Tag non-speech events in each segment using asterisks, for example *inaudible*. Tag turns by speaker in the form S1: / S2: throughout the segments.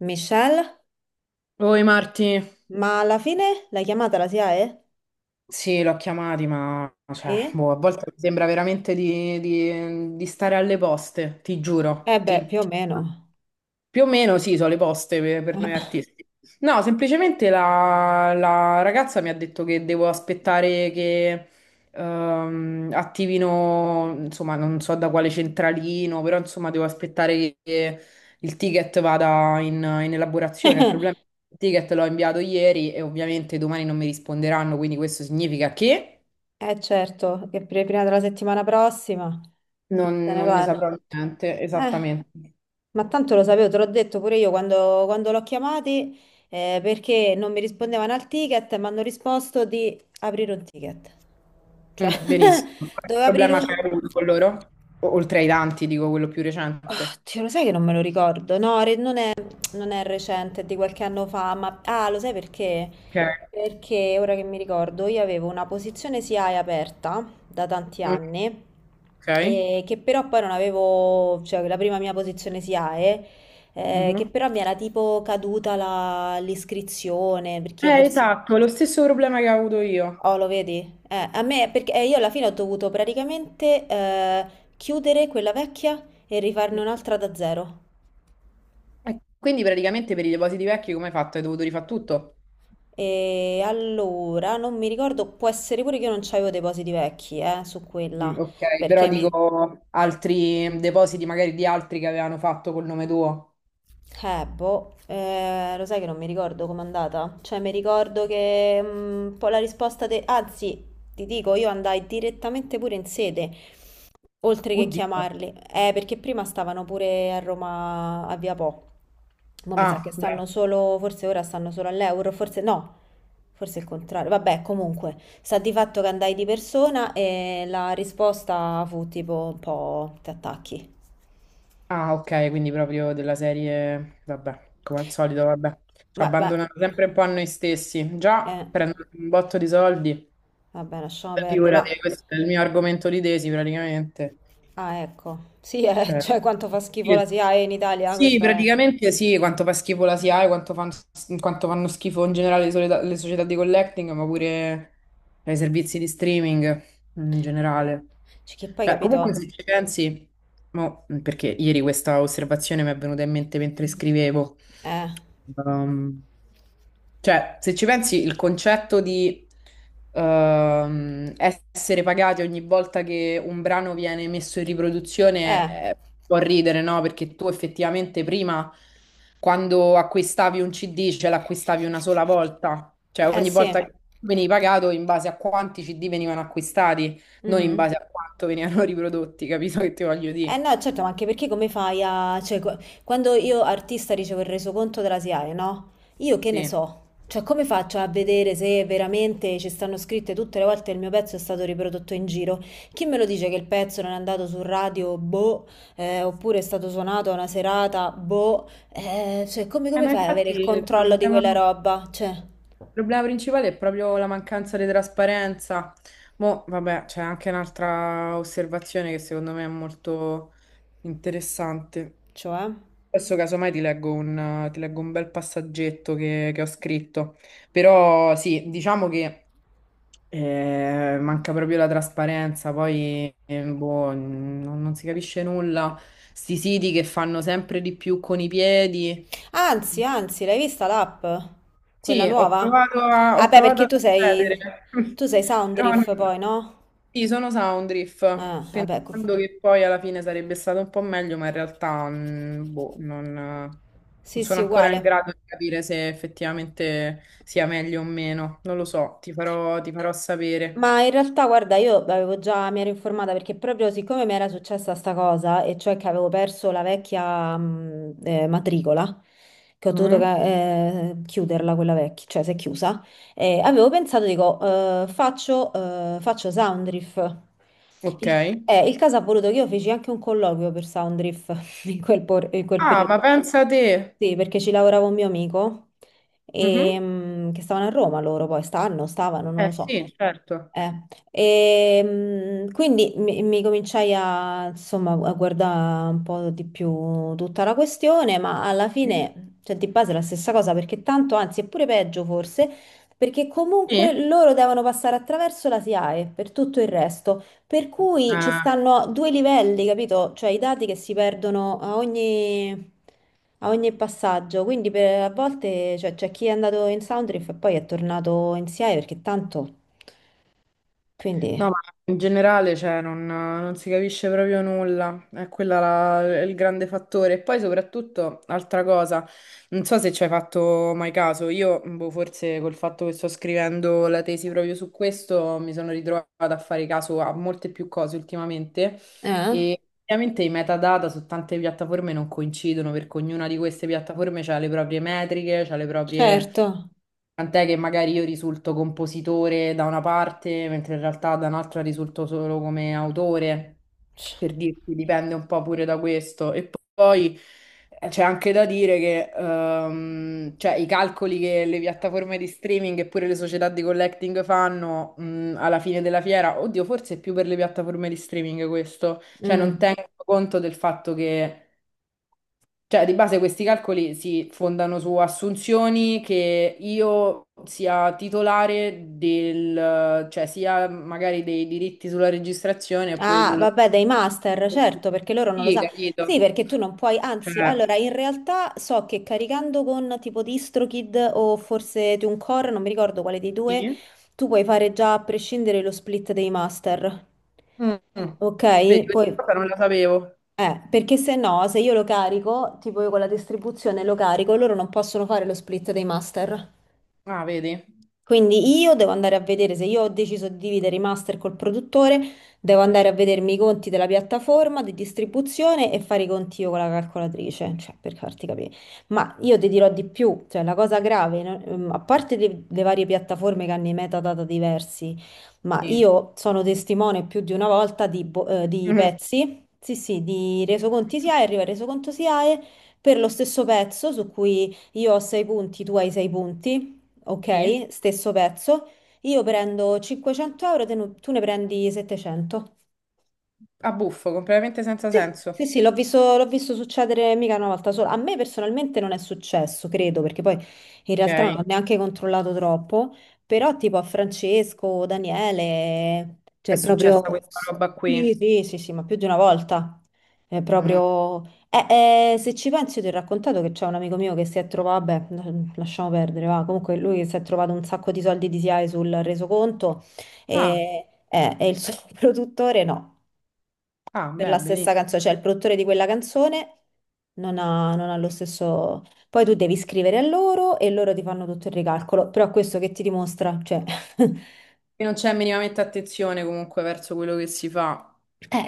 S1: Michelle,
S2: Oi Marti,
S1: ma alla fine l'hai chiamata la SIAE?
S2: sì, l'ho chiamati, ma cioè,
S1: E?
S2: boh, a volte mi sembra veramente di, di stare alle poste, ti giuro.
S1: Eh beh, più o meno.
S2: Più o meno sì, sono le poste per noi
S1: *laughs*
S2: artisti. No, semplicemente la, la ragazza mi ha detto che devo aspettare che attivino, insomma, non so da quale centralino, però insomma devo aspettare che il ticket vada in, in elaborazione. Il problema è che il ticket l'ho inviato ieri e ovviamente domani non mi risponderanno, quindi questo significa che
S1: Eh certo, che per prima della settimana prossima se ne
S2: non ne saprò
S1: parla.
S2: niente,
S1: Eh,
S2: esattamente.
S1: ma tanto lo sapevo, te l'ho detto pure io quando, l'ho chiamati, perché non mi rispondevano al ticket e mi hanno risposto di aprire un ticket. Cioè,
S2: Mm, benissimo.
S1: *laughs*
S2: Qualche
S1: dovevo aprire
S2: problema c'è
S1: un...
S2: avuto con loro? Oltre ai tanti, dico quello più
S1: Ah,
S2: recente.
S1: Dio, lo sai che non me lo ricordo? No, non è recente, è di qualche anno fa, ma... Ah, lo sai perché?
S2: Ok.
S1: Perché, ora che mi ricordo, io avevo una posizione SIAE aperta da tanti
S2: Mm,
S1: anni,
S2: ok.
S1: e che però poi non avevo... cioè la prima mia posizione SIAE, che
S2: Mhm.
S1: però mi era tipo caduta l'iscrizione, perché io forse...
S2: Esatto, lo stesso problema che ho avuto io.
S1: Oh, lo vedi? A me, perché io alla fine ho dovuto praticamente chiudere quella vecchia e rifarne
S2: Mm.
S1: un'altra da zero.
S2: E quindi praticamente per i depositi vecchi come hai fatto? Hai dovuto rifare tutto?
S1: E allora, non mi ricordo, può essere pure che io non c'avevo depositi vecchi, su
S2: Mm,
S1: quella,
S2: ok, però
S1: perché mi,
S2: dico altri depositi magari di altri che avevano fatto col nome tuo.
S1: boh, lo sai che non mi ricordo com'è andata? Cioè, mi ricordo che un po' la risposta. Anzi, ti dico, io andai direttamente pure in sede, oltre che
S2: Oddio.
S1: chiamarli. Perché prima stavano pure a Roma a Via Po. Ma mi sa che
S2: Ah, beh.
S1: stanno solo, forse ora stanno solo all'Euro, forse no, forse il contrario. Vabbè, comunque, sta di fatto che andai di persona e la risposta fu tipo un po' ti attacchi.
S2: Ah, ok, quindi proprio della serie, vabbè, come al solito, vabbè, ci
S1: Ma,
S2: abbandonano sempre un po' a noi stessi.
S1: eh.
S2: Già prendono un botto di soldi,
S1: Vabbè, lasciamo perdere.
S2: figurati,
S1: Ma,
S2: questo è il mio argomento di tesi praticamente.
S1: ah, ecco. Sì, *laughs*
S2: Cioè,
S1: cioè quanto fa schifo la
S2: sì,
S1: SIAE in Italia,
S2: sì,
S1: questa è...
S2: praticamente sì, quanto fa schifo la SIAE, quanto, quanto fanno schifo in generale le, le società di collecting, ma pure i servizi di streaming in generale.
S1: Cioè, che poi,
S2: Cioè, comunque
S1: capito?
S2: se ci pensi, mo, perché ieri questa osservazione mi è venuta in mente mentre scrivevo,
S1: Eh,
S2: ehm, cioè se ci pensi il concetto di essere pagati ogni volta che un brano viene messo in
S1: eh,
S2: riproduzione può ridere, no? Perché tu effettivamente prima, quando acquistavi un CD, ce l'acquistavi una sola volta, cioè
S1: eh
S2: ogni volta
S1: sì.
S2: che venivi pagato in base a quanti CD venivano acquistati non in base
S1: Mhm.
S2: a quanto venivano *laughs* riprodotti, capito che ti voglio
S1: Eh
S2: dire?
S1: no, certo, ma anche perché come fai a... cioè, quando io artista ricevo il resoconto della SIAE, no? Io che ne
S2: Sì.
S1: so? Cioè, come faccio a vedere se veramente ci stanno scritte tutte le volte che il mio pezzo è stato riprodotto in giro? Chi me lo dice che il pezzo non è andato su radio, boh, oppure è stato suonato a una serata, boh, cioè, come, come
S2: Ma
S1: fai ad avere
S2: infatti
S1: il controllo di quella
S2: il
S1: roba? Cioè,
S2: problema principale è proprio la mancanza di trasparenza. Mo, vabbè, c'è anche un'altra osservazione che secondo me è molto interessante.
S1: cioè? Eh?
S2: Adesso casomai ti leggo un bel passaggetto che ho scritto, però sì, diciamo che eh, manca proprio la trasparenza, poi boh, non, non si capisce nulla. Sti siti che fanno sempre di più con i piedi.
S1: Anzi, anzi, l'hai vista l'app? Quella
S2: Sì, ho
S1: nuova?
S2: provato a,
S1: Ah
S2: ho
S1: beh,
S2: provato
S1: perché
S2: ad accedere,
S1: tu
S2: *laughs*
S1: sei
S2: però
S1: Soundriff poi, no?
S2: sì, sono Soundreef,
S1: Ah, vabbè,
S2: pensando che poi alla fine sarebbe stato un po' meglio, ma in realtà boh, non, non
S1: sì,
S2: sono
S1: sì,
S2: ancora in
S1: uguale.
S2: grado di capire se effettivamente sia meglio o meno. Non lo so, ti farò sapere.
S1: Ma in realtà, guarda, io avevo già, mi ero informata perché proprio siccome mi era successa sta cosa, e cioè che avevo perso la vecchia matricola, che ho dovuto
S2: Mhm.
S1: chiuderla quella vecchia, cioè si è chiusa, avevo pensato, dico, faccio Soundriff.
S2: Ok.
S1: Il caso ha voluto che io feci anche un colloquio per Soundriff *laughs* in quel
S2: Ah,
S1: periodo.
S2: ma pensa a te.
S1: Sì, perché ci lavorava un mio amico,
S2: Mhm.
S1: che stavano a Roma loro, poi stanno, stavano, non lo
S2: Eh
S1: so.
S2: sì, certo.
S1: Eh, quindi mi cominciai a, insomma, a guardare un po' di più tutta la questione, ma alla
S2: Mm?
S1: fine, cioè, di base è la stessa cosa, perché tanto, anzi, è pure peggio forse, perché comunque
S2: Sì.
S1: loro devono passare attraverso la SIAE per tutto il resto, per cui ci
S2: Eh,
S1: stanno due livelli, capito? Cioè i dati che si perdono a ogni... A ogni passaggio, a volte cioè, c'è chi è andato in Soundriff e poi è tornato in SIAE perché tanto.
S2: no,
S1: Quindi,
S2: ma in generale, cioè, non, non si capisce proprio nulla. È quella il grande fattore. E poi, soprattutto, altra cosa, non so se ci hai fatto mai caso. Io, boh, forse col fatto che sto scrivendo la tesi proprio su questo, mi sono ritrovata a fare caso a molte più cose ultimamente.
S1: eh,
S2: E ovviamente i metadata su tante piattaforme non coincidono perché ognuna di queste piattaforme ha le proprie metriche, ha le proprie...
S1: certo.
S2: Tant'è che magari io risulto compositore da una parte, mentre in realtà da un'altra risulto solo come autore, per dirti, dipende un po' pure da questo. E poi c'è anche da dire che cioè, i calcoli che le piattaforme di streaming e pure le società di collecting fanno alla fine della fiera, oddio, forse è più per le piattaforme di streaming questo, cioè non
S1: Mm.
S2: tengono conto del fatto che, cioè di base questi calcoli si fondano su assunzioni che io sia titolare del, cioè sia magari dei diritti sulla registrazione oppure
S1: Ah,
S2: sul...
S1: vabbè, dai master, certo, perché loro non lo
S2: Sì,
S1: sa. Sì,
S2: capito?
S1: perché tu non puoi,
S2: Cioè,
S1: anzi, allora, in realtà so che caricando con tipo DistroKid o forse TuneCore, non mi ricordo quale dei due,
S2: sì.
S1: tu puoi fare già a prescindere lo split dei master,
S2: Mm.
S1: ok?
S2: Vedi, questa
S1: Poi...
S2: cosa non la sapevo.
S1: Perché se no, se io lo carico, tipo io con la distribuzione lo carico, loro non possono fare lo split dei master.
S2: Ah, vedi?
S1: Quindi io devo andare a vedere se io ho deciso di dividere i master col produttore, devo andare a vedermi i conti della piattaforma di distribuzione e fare i conti io con la calcolatrice, cioè per farti capire. Ma io ti dirò di più, cioè la cosa grave, no? A parte le varie piattaforme che hanno i metadata diversi, ma
S2: Sì.
S1: io sono testimone più di una volta di
S2: Mhm.
S1: pezzi, sì sì, di resoconti SIAE, arriva il resoconto SIAE per lo stesso pezzo su cui io ho 6 punti, tu hai 6 punti,
S2: Sì.
S1: ok? Stesso pezzo. Io prendo 500 euro, tu ne prendi 700.
S2: A buffo, completamente senza
S1: Sì,
S2: senso.
S1: sì, sì, l'ho visto succedere mica una volta sola. A me personalmente non è successo, credo, perché poi in realtà non ho
S2: Ok.
S1: neanche controllato troppo, però tipo a Francesco, Daniele,
S2: È
S1: cioè
S2: successa
S1: proprio...
S2: questa roba
S1: Sì,
S2: qui.
S1: sì, sì, sì, ma più di una volta. È
S2: Mm.
S1: proprio... Se ci pensi, io ti ho raccontato che c'è un amico mio che si è trovato, vabbè, lasciamo perdere, va. Comunque lui si è trovato un sacco di soldi di SIAE sul resoconto
S2: Ah,
S1: e il suo *laughs* produttore no
S2: ah,
S1: per la
S2: beh,
S1: stessa
S2: benissimo.
S1: canzone, cioè il produttore di quella canzone non ha lo stesso... Poi tu devi scrivere a loro e loro ti fanno tutto il ricalcolo, però questo che ti dimostra, cioè, *laughs* eh,
S2: Qui non c'è minimamente attenzione comunque verso quello che si fa.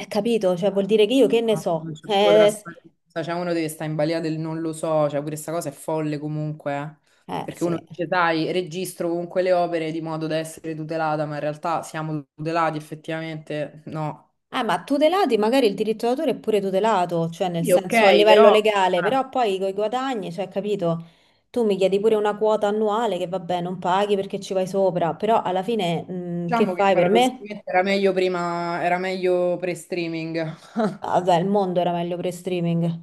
S1: capito, cioè vuol dire che io che ne
S2: Ah, non
S1: so,
S2: c'è proprio trasparenza. Cioè, uno deve stare in balia del non lo so. Cioè, pure questa cosa è folle comunque, eh. Perché uno
S1: sì.
S2: dice, dai, registro comunque le opere di modo da essere tutelata, ma in realtà siamo tutelati effettivamente. No.
S1: Ma tutelati magari il diritto d'autore è pure tutelato, cioè nel
S2: Sì,
S1: senso a
S2: ok,
S1: livello
S2: però
S1: legale, però poi con i guadagni, cioè, capito? Tu mi chiedi pure una quota annuale che vabbè, non paghi perché ci vai sopra, però alla fine, che
S2: diciamo che
S1: fai per me?
S2: paradossalmente era meglio prima, era meglio pre-streaming.
S1: Ah, vabbè, il mondo era meglio pre-streaming,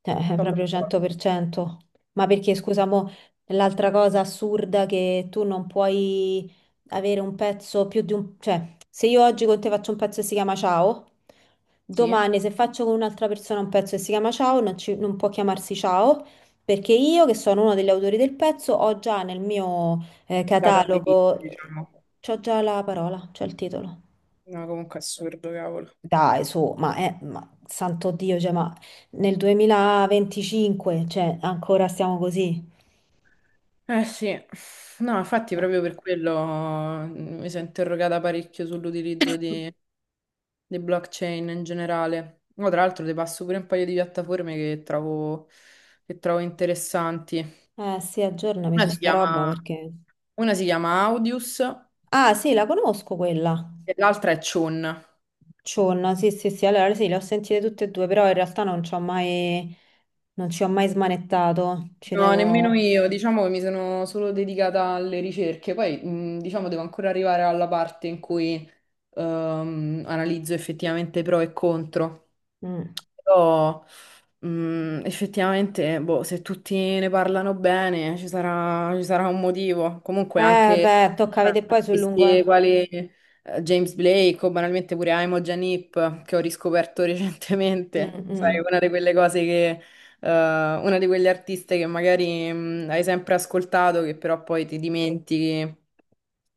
S1: cioè,
S2: Sono
S1: proprio
S2: d'accordo.
S1: 100%. Ma perché, scusa, mo, l'altra cosa assurda che tu non puoi avere un pezzo più di un... Cioè, se io oggi con te faccio un pezzo che si chiama Ciao,
S2: Sì,
S1: domani se faccio con un'altra persona un pezzo che si chiama Ciao, non può chiamarsi Ciao, perché io, che sono uno degli autori del pezzo, ho già nel mio
S2: database,
S1: catalogo,
S2: diciamo.
S1: c'ho già la parola, c'ho il titolo.
S2: No, comunque assurdo, cavolo.
S1: Dai, su, ma santo Dio, cioè, ma nel 2025, cioè, ancora stiamo così?
S2: Eh sì, no, infatti
S1: No.
S2: proprio per quello mi sono interrogata parecchio sull'utilizzo di blockchain in generale. Mo, tra l'altro ti passo pure un paio di piattaforme che trovo interessanti.
S1: Eh sì, aggiornami
S2: Una
S1: su
S2: si
S1: sta roba
S2: chiama,
S1: perché...
S2: una si chiama Audius e
S1: Ah sì, la conosco quella.
S2: l'altra è Chun.
S1: Cionna, sì, sì, sì, allora sì, le ho sentite tutte e due, però in realtà non ci ho mai smanettato. Ci
S2: No, nemmeno
S1: devo...
S2: io, diciamo che mi sono solo dedicata alle ricerche, poi diciamo devo ancora arrivare alla parte in cui analizzo effettivamente pro e contro.
S1: Mm.
S2: Però, effettivamente, boh, se tutti ne parlano bene, ci sarà un motivo. Comunque
S1: Eh
S2: anche
S1: beh, tocca vedere poi sul lungo...
S2: artisti
S1: eh.
S2: quali James Blake o banalmente pure Aimo Janip, che ho riscoperto *laughs*
S1: Mm,
S2: recentemente. Sai,
S1: mm.
S2: una di quelle cose che, una di quegli artiste che magari, hai sempre ascoltato, che però poi ti dimentichi.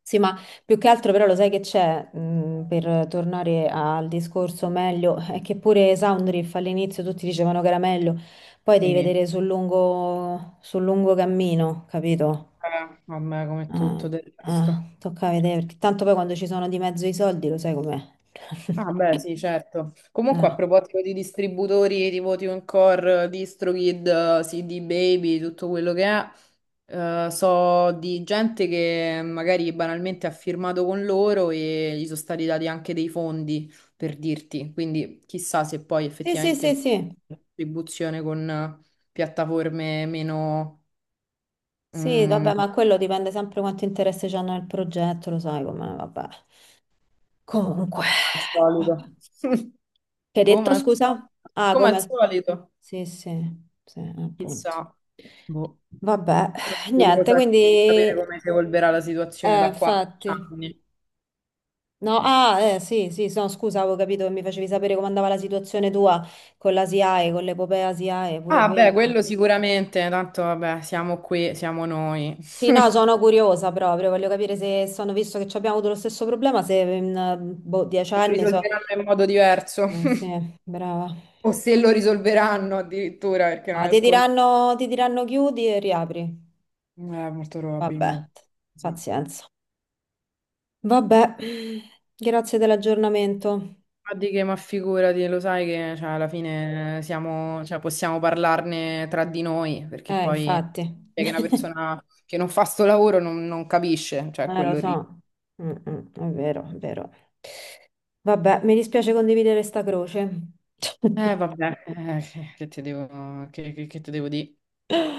S1: Sì, ma più che altro però lo sai che c'è, per tornare al discorso meglio, è che pure Soundriff all'inizio tutti dicevano che era meglio, poi devi
S2: Sì.
S1: vedere sul lungo cammino, capito?
S2: Vabbè, vabbè, come
S1: Eh,
S2: tutto del resto.
S1: Tocca vedere, perché tanto poi quando ci sono di mezzo i soldi lo sai com'è.
S2: Ah,
S1: *laughs*
S2: beh, sì, certo. Comunque, a
S1: Eh.
S2: proposito di distributori tipo TuneCore, DistroKid, CD Baby, tutto quello che è, so di gente che magari banalmente ha firmato con loro e gli sono stati dati anche dei fondi, per dirti. Quindi, chissà se poi
S1: Sì, sì,
S2: effettivamente
S1: sì,
S2: con
S1: sì,
S2: la distribuzione con piattaforme meno,
S1: sì, vabbè,
S2: come
S1: ma quello dipende sempre quanto interesse c'hanno nel progetto, lo sai com'è, vabbè. Comunque,
S2: al
S1: vabbè.
S2: solito. *laughs*
S1: Che hai
S2: Come
S1: detto,
S2: al solito.
S1: scusa? Ah,
S2: Come al
S1: come...
S2: solito,
S1: Sì, sì, sì, appunto.
S2: chissà. Boh.
S1: Vabbè,
S2: Sono
S1: niente,
S2: curiosa
S1: quindi,
S2: di sapere come si evolverà la situazione da qua a dieci
S1: infatti.
S2: anni.
S1: No, ah, sì, sì, no, scusa, avevo capito che mi facevi sapere come andava la situazione tua con la SIAE, con l'epopea SIAE, pure
S2: Ah, beh,
S1: quella.
S2: quello sicuramente, tanto vabbè, siamo qui, siamo noi.
S1: Sì, no, sono curiosa proprio, voglio capire se sono, visto che ci abbiamo avuto lo stesso problema, se in, boh, dieci
S2: Se lo
S1: anni so.
S2: risolveranno in modo diverso, *laughs*
S1: Sì, brava.
S2: o se lo risolveranno addirittura, perché non
S1: Ah,
S2: è
S1: ti
S2: scontato.
S1: diranno, ti diranno chiudi e riapri.
S2: Eh, molto
S1: Vabbè,
S2: probabilmente. Sì.
S1: pazienza. Vabbè, grazie dell'aggiornamento.
S2: Ma di che, ma figurati, lo sai che cioè, alla fine siamo, cioè, possiamo parlarne tra di noi, perché poi è
S1: Infatti,
S2: che una
S1: *laughs*
S2: persona che non fa sto lavoro non, non capisce, cioè
S1: lo
S2: quello lì.
S1: so. Mm, mm, è vero, è vero. Vabbè, mi dispiace condividere sta croce *laughs*
S2: Vabbè, che ti devo, che, che ti devo dire?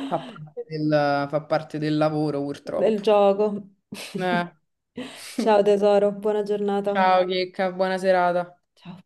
S2: Fa parte del lavoro,
S1: del
S2: purtroppo.
S1: gioco.
S2: Eh,
S1: *laughs* Ciao tesoro, buona giornata.
S2: ciao, Chicca, buona serata.
S1: Ciao.